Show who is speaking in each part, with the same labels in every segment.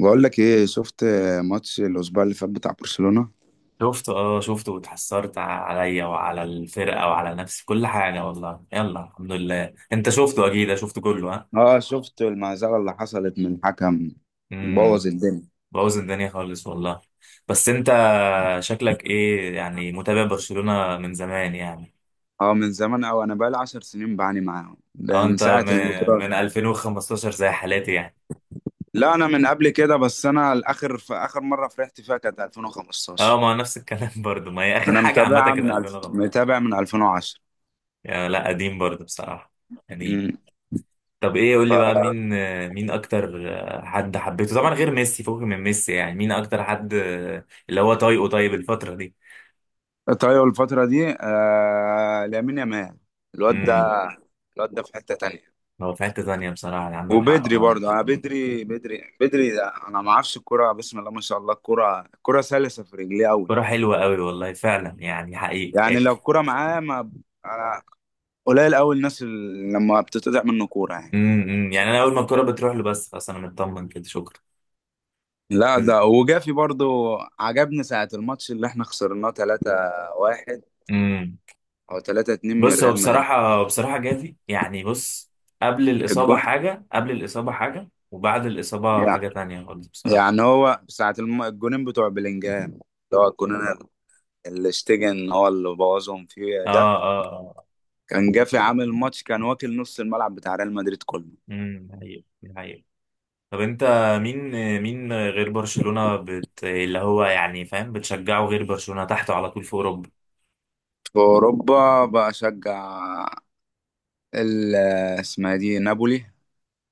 Speaker 1: بقول لك ايه؟ شفت ماتش الاسبوع اللي فات بتاع برشلونة؟
Speaker 2: شفته، واتحسرت عليا وعلى الفرقة وعلى نفسي كل حاجة، والله. يلا، الحمد لله. انت شفته اكيد، شفته كله؟ ها؟
Speaker 1: اه، شفت المهزله اللي حصلت من الحكم،
Speaker 2: امم
Speaker 1: بوظ الدنيا.
Speaker 2: بوظ الدنيا خالص والله. بس انت، شكلك ايه يعني، متابع برشلونة من زمان يعني؟
Speaker 1: اه، من زمان قوي، انا بقالي 10 سنين بعاني معاهم، ده
Speaker 2: اه
Speaker 1: من
Speaker 2: انت
Speaker 1: ساعه البطوله.
Speaker 2: من 2015 زي حالاتي يعني.
Speaker 1: لا انا من قبل كده، بس انا الاخر في اخر مره فرحت فيها كانت
Speaker 2: اه،
Speaker 1: 2015.
Speaker 2: ما هو نفس الكلام برضو، ما هي اخر
Speaker 1: انا
Speaker 2: حاجة عامة
Speaker 1: متابعها
Speaker 2: كانت
Speaker 1: من
Speaker 2: 2015.
Speaker 1: متابع من 2010.
Speaker 2: يا، لا قديم برضو بصراحة، قديم.
Speaker 1: امم
Speaker 2: طب ايه، قول لي بقى
Speaker 1: ف-
Speaker 2: مين اكتر حد حبيته طبعا غير ميسي؟ فوق من ميسي يعني، مين اكتر حد اللي هو طايقه طيب الفترة دي؟
Speaker 1: طيب الفتره دي لامين يامال، الواد
Speaker 2: امم
Speaker 1: ده، الواد ده في حته تانية.
Speaker 2: هو في حتة ثانية بصراحة، يعني عندك حق.
Speaker 1: وبدري برضه، انا بدري، ده انا ما اعرفش الكرة، بسم الله ما شاء الله، الكرة، الكرة سلسة في رجليه قوي.
Speaker 2: كرة حلوة قوي والله، فعلا يعني حقيقي.
Speaker 1: يعني لو الكرة معاه، ما أنا قليل قوي الناس اللي لما بتتقطع منه كورة، يعني.
Speaker 2: يعني انا اول ما الكرة بتروح له بس خلاص، انا مطمن كده، شكرا.
Speaker 1: لا ده وجافي برضه، عجبني ساعة الماتش اللي احنا خسرناه 3-1
Speaker 2: امم
Speaker 1: او 3-2 من
Speaker 2: بص، هو
Speaker 1: ريال مدريد.
Speaker 2: بصراحة جافي يعني، بص. قبل الإصابة
Speaker 1: الجون
Speaker 2: حاجة، قبل الإصابة حاجة، وبعد الإصابة
Speaker 1: يعني
Speaker 2: حاجة تانية خالص بصراحة.
Speaker 1: يعني هو ساعة الجونين بتوع بلينجهام، اللي هو الجونين اللي اشتجن، هو اللي بوظهم فيه
Speaker 2: اه،
Speaker 1: ده.
Speaker 2: اه، اه.
Speaker 1: كان جافي، عامل ماتش، كان واكل نص الملعب بتاع ريال مدريد كله.
Speaker 2: حقيقي، حقيقي. طب انت، مين مين غير برشلونة، اللي هو يعني، فاهم، بتشجعه غير برشلونة تحته على طول في اوروبا؟
Speaker 1: في أوروبا بشجع ال اسمها دي نابولي،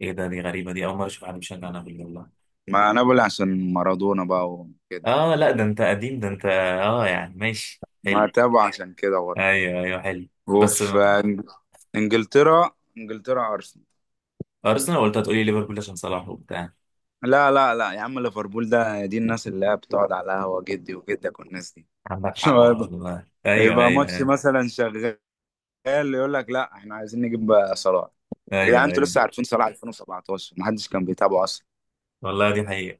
Speaker 2: ايه ده، دي غريبة، دي اول مرة اشوف حد بيشجع نابولي والله.
Speaker 1: مع نابولي عشان مارادونا بقى وكده،
Speaker 2: اه، لا ده انت قديم، ده انت، يعني ماشي
Speaker 1: ما
Speaker 2: حلو.
Speaker 1: تابع عشان كده برضه.
Speaker 2: ايوه، ايوه، حلو. بس
Speaker 1: وفي إنج- إنجلترا، إنجلترا أرسنال.
Speaker 2: ارسنال، قلت هتقولي ليفربول عشان صلاح وبتاع.
Speaker 1: لا لا لا يا عم، ليفربول ده دي الناس اللي هي بتقعد على القهوة، جدي وجدك والناس دي.
Speaker 2: عندك حق
Speaker 1: يبقى
Speaker 2: والله، ايوه،
Speaker 1: يبقى
Speaker 2: ايوه،
Speaker 1: ماتش
Speaker 2: ايوه،
Speaker 1: مثلا شغال، يقول لك لا احنا عايزين نجيب صلاح. يا جدعان
Speaker 2: ايوه،
Speaker 1: انتوا
Speaker 2: أيوة.
Speaker 1: لسه عارفين صلاح؟ 2017 ما حدش كان بيتابعه.
Speaker 2: والله دي حقيقة.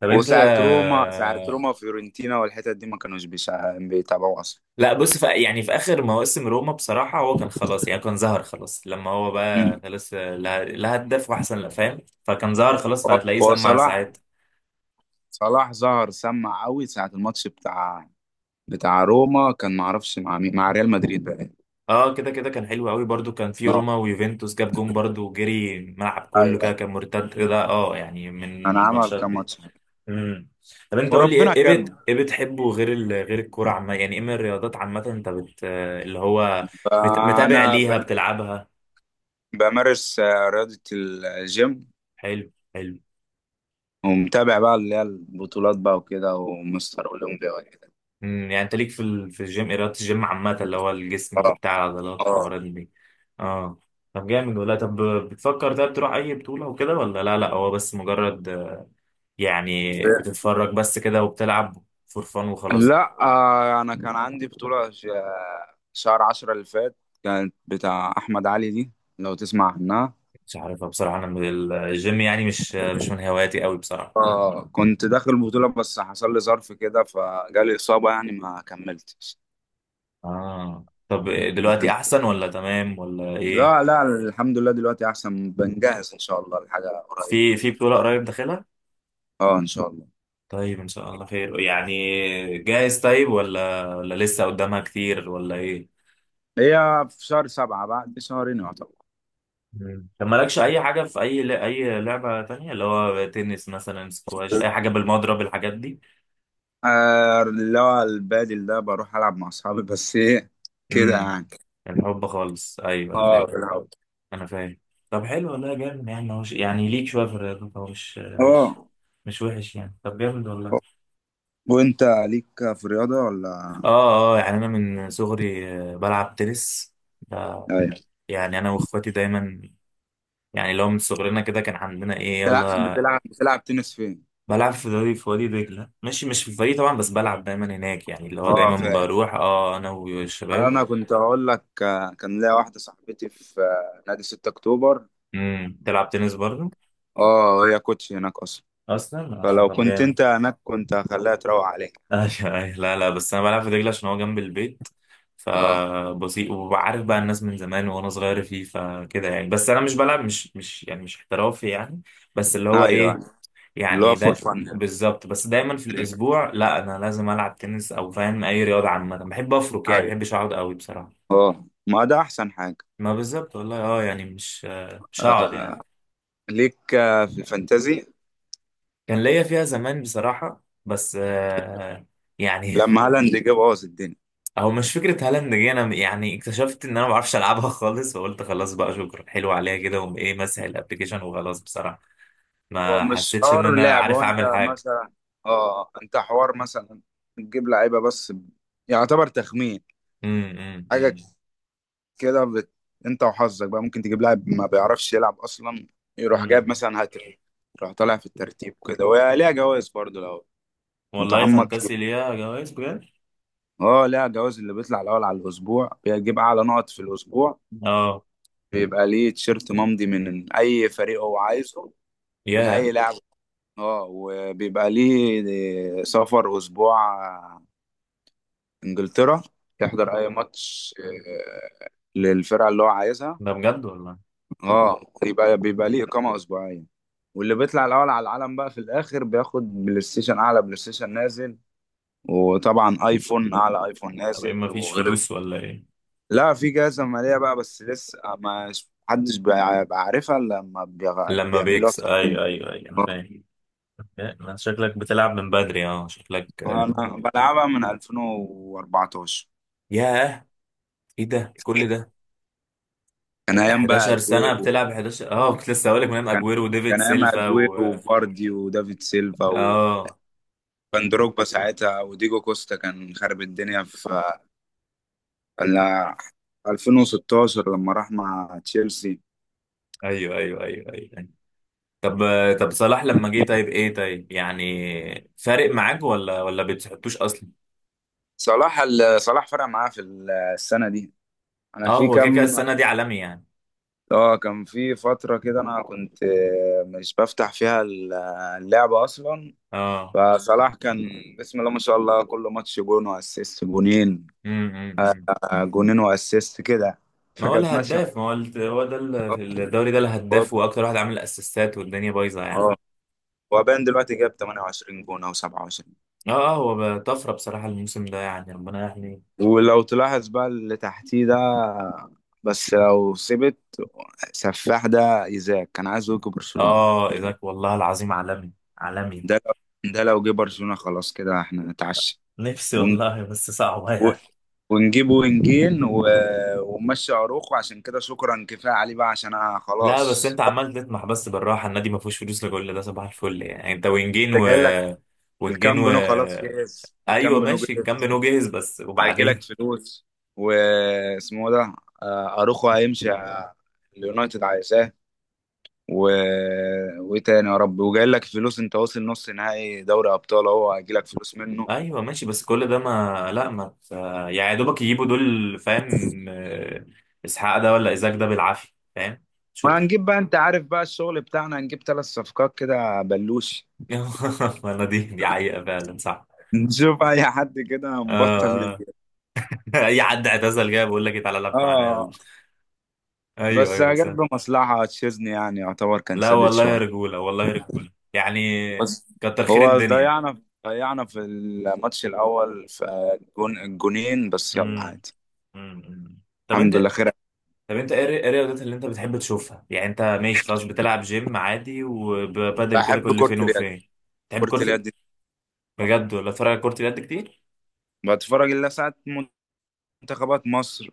Speaker 2: طب انت،
Speaker 1: وساعة روما، ساعة روما فيورنتينا والحتت دي ما كانوش بيتابعوا أصلا.
Speaker 2: لا بص، في اخر مواسم روما بصراحه، هو كان خلاص يعني، كان ظهر خلاص لما هو بقى
Speaker 1: مم.
Speaker 2: خلاص، لا لا هدف واحسن، لا فاهم، فكان ظهر خلاص
Speaker 1: هو
Speaker 2: فهتلاقيه
Speaker 1: هو
Speaker 2: سمع
Speaker 1: صلاح،
Speaker 2: ساعات.
Speaker 1: صلاح ظهر سمع قوي ساعة الماتش بتاع، بتاع روما، كان معرفش مع مين، مع ريال مدريد بقى.
Speaker 2: اه كده كده، كان حلو قوي برضو، كان في
Speaker 1: آه،
Speaker 2: روما ويوفنتوس جاب جون برضو، وجري الملعب كله كده،
Speaker 1: أيوه،
Speaker 2: كان مرتد كده، اه يعني من
Speaker 1: أنا
Speaker 2: من
Speaker 1: عمل
Speaker 2: ماتشات
Speaker 1: كام
Speaker 2: دي.
Speaker 1: ماتش.
Speaker 2: امم طب انت، قول لي
Speaker 1: وربنا
Speaker 2: ايه، إيه بت
Speaker 1: كرم،
Speaker 2: ايه بتحبه غير غير الكوره عامه؟ يعني ايه من الرياضات عامه، انت اللي هو، متابع
Speaker 1: فأنا ب-
Speaker 2: ليها، بتلعبها؟
Speaker 1: بمارس رياضة الجيم،
Speaker 2: حلو، حلو.
Speaker 1: ومتابع بقى اللي هي البطولات بقى وكده، ومستر أولمبيا وكده.
Speaker 2: يعني انت ليك في في الجيم، ايه رياضة الجيم عامة اللي هو الجسم
Speaker 1: اه،
Speaker 2: وبتاع العضلات
Speaker 1: اه.
Speaker 2: والحوارات دي؟ اه، طب جامد ولا؟ طب بتفكر طب تروح اي بطولة وكده، ولا لا لا، هو بس مجرد يعني بتتفرج بس كده، وبتلعب فور فان وخلاص؟
Speaker 1: لا انا كان عندي بطولة شهر عشرة اللي فات، كانت بتاع احمد علي دي، لو تسمع عنها.
Speaker 2: مش عارفها بصراحة، انا من الجيم يعني، مش مش من هواياتي قوي بصراحة.
Speaker 1: كنت داخل البطولة، بس حصل لي ظرف كده، فجالي اصابة، يعني ما كملتش.
Speaker 2: اه طب دلوقتي
Speaker 1: لكن-
Speaker 2: احسن، ولا تمام، ولا ايه؟
Speaker 1: لا لا، الحمد لله دلوقتي احسن، بنجهز ان شاء الله لحاجة قريبة.
Speaker 2: في بطولة قريب داخلها؟
Speaker 1: اه ان شاء الله.
Speaker 2: طيب ان شاء الله خير يعني. جاهز طيب، ولا لسه قدامها كتير، ولا ايه؟
Speaker 1: هي في شهر سبعة، بعد شهرين يعتبر.
Speaker 2: مم. طب مالكش اي حاجه في اي لعبه تانية اللي هو تنس مثلا، سكواش، اي حاجه بالمضرب، الحاجات دي؟
Speaker 1: اللي هو البادل ده، بروح العب مع اصحابي، بس ايه، كده
Speaker 2: امم
Speaker 1: يعني.
Speaker 2: الحب خالص، ايوه انا
Speaker 1: اه
Speaker 2: فاهم.
Speaker 1: في الأول.
Speaker 2: انا فاهم. طب حلو والله، جامد يعني. هو يعني ليك شويه في الرياضه، هو مش
Speaker 1: اه،
Speaker 2: مش وحش يعني، طب جامد والله.
Speaker 1: وانت ليك في الرياضة ولا؟
Speaker 2: اه، اه، يعني انا من صغري بلعب تنس ده،
Speaker 1: ايوه،
Speaker 2: يعني انا واخواتي دايما يعني، لو من صغرنا كده كان عندنا ايه، يلا.
Speaker 1: بتلعب تنس فين؟
Speaker 2: بلعب في دوري في وادي دجلة، ماشي، مش في الفريق طبعا بس بلعب دايما هناك يعني، اللي هو
Speaker 1: اه
Speaker 2: دايما
Speaker 1: فاهم.
Speaker 2: بروح، اه، انا والشباب.
Speaker 1: انا كنت هقول لك كان ليا واحدة صاحبتي في نادي 6 اكتوبر،
Speaker 2: تلعب تنس برضه؟
Speaker 1: اه هي كوتش هناك اصلا،
Speaker 2: اصلا؟ اه،
Speaker 1: فلو
Speaker 2: طب
Speaker 1: كنت
Speaker 2: جامد.
Speaker 1: انت هناك كنت هخليها تروق عليك.
Speaker 2: ايوه، أيوة. لا لا، بس انا بلعب في دجلة عشان هو جنب البيت،
Speaker 1: اه
Speaker 2: فبسيط، وعارف بقى الناس من زمان وانا صغير فيه، فكده يعني. بس انا مش بلعب، مش يعني مش احترافي يعني، بس اللي هو
Speaker 1: ايوه،
Speaker 2: ايه،
Speaker 1: اللي هو
Speaker 2: يعني
Speaker 1: فور
Speaker 2: ده،
Speaker 1: فن.
Speaker 2: بالظبط. بس دايما في الاسبوع لا، انا لازم العب تنس او، فاهم، اي رياضه عامه بحب افرك يعني، ما
Speaker 1: ايوه،
Speaker 2: بحبش اقعد قوي بصراحه.
Speaker 1: اه، ما ده احسن حاجة.
Speaker 2: ما بالظبط والله، اه يعني مش، مش هقعد
Speaker 1: آه.
Speaker 2: يعني.
Speaker 1: ليك في الفانتازي؟
Speaker 2: كان ليا فيها زمان بصراحة، بس يعني.
Speaker 1: لما هالاند جه بوظ الدنيا.
Speaker 2: هو مش فكرة هالاند جه، انا يعني اكتشفت ان انا ما بعرفش العبها خالص، وقلت خلاص بقى شكرا، حلو عليها كده، وقوم ايه، مسح الابلكيشن وخلاص بصراحة.
Speaker 1: هو
Speaker 2: ما
Speaker 1: مش
Speaker 2: حسيتش ان
Speaker 1: حوار
Speaker 2: انا
Speaker 1: لعب، هو
Speaker 2: عارف
Speaker 1: انت
Speaker 2: اعمل حاجة.
Speaker 1: مثلا، اه انت حوار مثلا تجيب لعيبه، يعتبر تخمين
Speaker 2: امم امم
Speaker 1: حاجه
Speaker 2: امم
Speaker 1: كده انت وحظك بقى، ممكن تجيب لاعب ما بيعرفش يلعب اصلا، يروح جايب
Speaker 2: إمم.
Speaker 1: مثلا هاتريك، يروح طالع في الترتيب كده. وهي ليها جوائز برضه لو
Speaker 2: والله
Speaker 1: متعمق فيها.
Speaker 2: فانتسي ليها جوائز بجد.
Speaker 1: اه ليها جوائز، اللي بيطلع الاول على الاسبوع، بيجيب اعلى نقط في الاسبوع،
Speaker 2: اه.
Speaker 1: بيبقى ليه تيشيرت ممضي من اي فريق هو عايزه، من
Speaker 2: ياه،
Speaker 1: اي لاعب. اه، وبيبقى ليه سفر اسبوع انجلترا يحضر اي ماتش، آه، للفرقه اللي هو عايزها.
Speaker 2: ده بجد والله.
Speaker 1: اه، يبقى بيبقى ليه اقامه اسبوعيه. واللي بيطلع الاول على العالم بقى في الاخر، بياخد بلاي ستيشن، اعلى بلاي ستيشن نازل، وطبعا ايفون، اعلى ايفون
Speaker 2: طب ايه
Speaker 1: نازل،
Speaker 2: ما فيش
Speaker 1: وغير.
Speaker 2: فلوس ولا ايه؟
Speaker 1: لا في جائزه ماليه بقى، بس لسه ما بيعرفها، الا لما
Speaker 2: لما
Speaker 1: بيعملوها
Speaker 2: بيكس، ايوه ايوه ايوه، انا فاهم. لا، ما شكلك بتلعب من بدري، اه شكلك.
Speaker 1: انا بلعبها من 2014.
Speaker 2: ياه، ايه ده كل ده!
Speaker 1: كان ايام بقى
Speaker 2: 11 سنة
Speaker 1: اجويرو،
Speaker 2: بتلعب؟ 11، كنت لسه هقول لك، مام
Speaker 1: كان
Speaker 2: اجويرو وديفيد
Speaker 1: كان ايام
Speaker 2: سيلفا و...
Speaker 1: اجويرو وفاردي ودافيد سيلفا وفان
Speaker 2: اه،
Speaker 1: دروجبا ساعتها، وديجو كوستا كان خرب الدنيا في ال- 2016 لما راح مع تشيلسي.
Speaker 2: ايوه، ايوه، ايوه، ايوه. طب طب صلاح لما جه طيب، ايه طيب، يعني فارق معاك، ولا بتحطوش اصلا؟
Speaker 1: صلاح صلاح فرق معاه في السنة دي، انا
Speaker 2: اه،
Speaker 1: في
Speaker 2: هو كده كده
Speaker 1: كام.
Speaker 2: السنة دي عالمي يعني.
Speaker 1: اه، كان في فترة كده انا كنت مش بفتح فيها اللعبة اصلا.
Speaker 2: اه.
Speaker 1: فصلاح كان بسم الله ما شاء الله كل ماتش جون واسيست، جونين،
Speaker 2: أمم.
Speaker 1: جونين واسيست كده،
Speaker 2: ما هو
Speaker 1: فكانت ماشية.
Speaker 2: الهداف، ما هو هو ده في الدوري ده
Speaker 1: اه،
Speaker 2: الهداف، واكتر واحد عامل اسيستات، والدنيا بايظة يعني.
Speaker 1: آه، هو باين دلوقتي جاب 28 جون او 27.
Speaker 2: اه، اه، هو بقى طفرة بصراحة الموسم ده يعني، ربنا يحميه.
Speaker 1: ولو تلاحظ بقى اللي تحتيه ده، بس لو سبت سفاح ده إيزاك كان عايزه يجي برشلونة.
Speaker 2: اه، ايزاك والله العظيم عالمي، عالمي.
Speaker 1: ده لو ده لو جه برشلونة، خلاص كده احنا نتعشى.
Speaker 2: نفسي
Speaker 1: ون-
Speaker 2: والله، بس صعبة
Speaker 1: و-
Speaker 2: يعني.
Speaker 1: ونجيب وينجين و... ونمشي اروخو، عشان كده شكرا كفاية عليه بقى، عشان انا
Speaker 2: لا بس
Speaker 1: خلاص
Speaker 2: انت عمال تطمح، بس بالراحة، النادي ما فيهوش فلوس لكل ده، صباح الفل يعني. انت وينجين
Speaker 1: كنت
Speaker 2: و،
Speaker 1: جاي لك.
Speaker 2: وينجين
Speaker 1: الكامب
Speaker 2: و
Speaker 1: نو خلاص جاهز،
Speaker 2: ايوه
Speaker 1: الكامب نو
Speaker 2: ماشي، كم
Speaker 1: جاهز.
Speaker 2: نو جاهز، بس
Speaker 1: هيجي لك
Speaker 2: وبعدين؟
Speaker 1: فلوس، واسمه ده، اروخو هيمشي، اليونايتد عايزاه، و... وايه تاني يا رب، وجاي لك فلوس، انت واصل نص نهائي دوري ابطال اهو، هيجي لك فلوس منه.
Speaker 2: ايوه ماشي، بس كل ده، ما لا ما ت- يعني يا دوبك يجيبوا دول، فاهم؟ اسحاق ده ولا ايزاك ده، بالعافية، فاهم؟ شكرا.
Speaker 1: وهنجيب بقى، انت عارف بقى الشغل بتاعنا، هنجيب ثلاث صفقات كده بلوش.
Speaker 2: ما انا دي حقيقة فعلا، صح.
Speaker 1: نشوف اي حد كده مبطل
Speaker 2: آه
Speaker 1: نجيب.
Speaker 2: اي حد اعتزل جاي بقول لك إيه، تعالى العب معانا يلا.
Speaker 1: اه،
Speaker 2: ايوه،
Speaker 1: بس
Speaker 2: ايوه، بس.
Speaker 1: جت بمصلحة تشيزني يعني، يعتبر كان
Speaker 2: لا
Speaker 1: سادد
Speaker 2: والله يا
Speaker 1: شوية.
Speaker 2: رجوله، والله يا رجوله يعني،
Speaker 1: بس
Speaker 2: كتر خير
Speaker 1: هو
Speaker 2: الدنيا.
Speaker 1: ضيعنا في الماتش الاول في الجون، الجونين، بس يلا
Speaker 2: امم
Speaker 1: عادي.
Speaker 2: امم امم. طب انت،
Speaker 1: الحمد لله خير.
Speaker 2: طب انت، ايه الرياضات اللي انت بتحب تشوفها؟ يعني انت ماشي خلاص، بتلعب جيم عادي وبادل كده
Speaker 1: بحب
Speaker 2: كل
Speaker 1: كرة
Speaker 2: فين
Speaker 1: اليد.
Speaker 2: وفين؟ تحب
Speaker 1: كرة
Speaker 2: كرة
Speaker 1: اليد دي،
Speaker 2: بجد؟ ولا تتفرج على كرة اليد كتير؟
Speaker 1: بتفرج الا ساعات، منتخبات مصر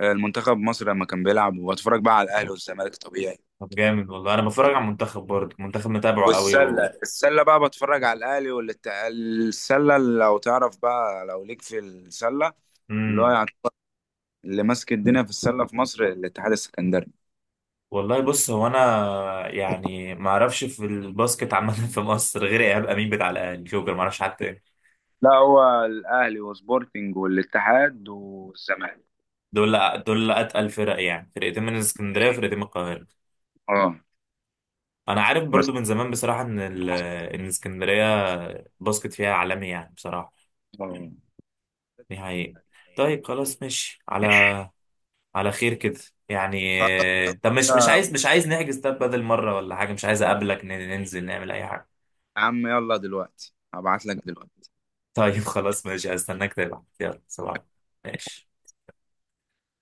Speaker 1: المنتخب مصر لما كان بيلعب، وبتفرج بقى على الاهلي والزمالك طبيعي.
Speaker 2: طب جامد والله. انا بتفرج على المنتخب برضه، المنتخب متابعه قوي
Speaker 1: والسله،
Speaker 2: و...
Speaker 1: السله بقى بتفرج على الاهلي السله اللي، لو تعرف بقى لو ليك في السله، اللي هو
Speaker 2: مم.
Speaker 1: يعني، اللي ماسك الدنيا في السله في مصر الاتحاد السكندري.
Speaker 2: والله بص، هو انا يعني ما اعرفش في الباسكت عامه في مصر غير ايهاب امين بتاع الاهلي، جوكر، ما اعرفش حد تاني.
Speaker 1: لا هو الاهلي وسبورتنج والاتحاد والزمالك.
Speaker 2: دول، دول اتقل فرق يعني، فرقتين من اسكندريه وفرقتين من القاهره.
Speaker 1: اه،
Speaker 2: انا عارف
Speaker 1: بس
Speaker 2: برضو من زمان بصراحه ان ان اسكندريه الباسكت فيها عالمي يعني، بصراحه
Speaker 1: آه.
Speaker 2: دي حقيقه. طيب خلاص، ماشي على، على خير كده يعني. طب مش، عايز نحجز، طب بدل مره ولا حاجه، مش عايز اقابلك، ننزل نعمل اي حاجه؟
Speaker 1: يا عم يلا، دلوقتي هبعت لك دلوقتي.
Speaker 2: طيب خلاص ماشي، استناك تبعت، يلا صباح الخير. ماشي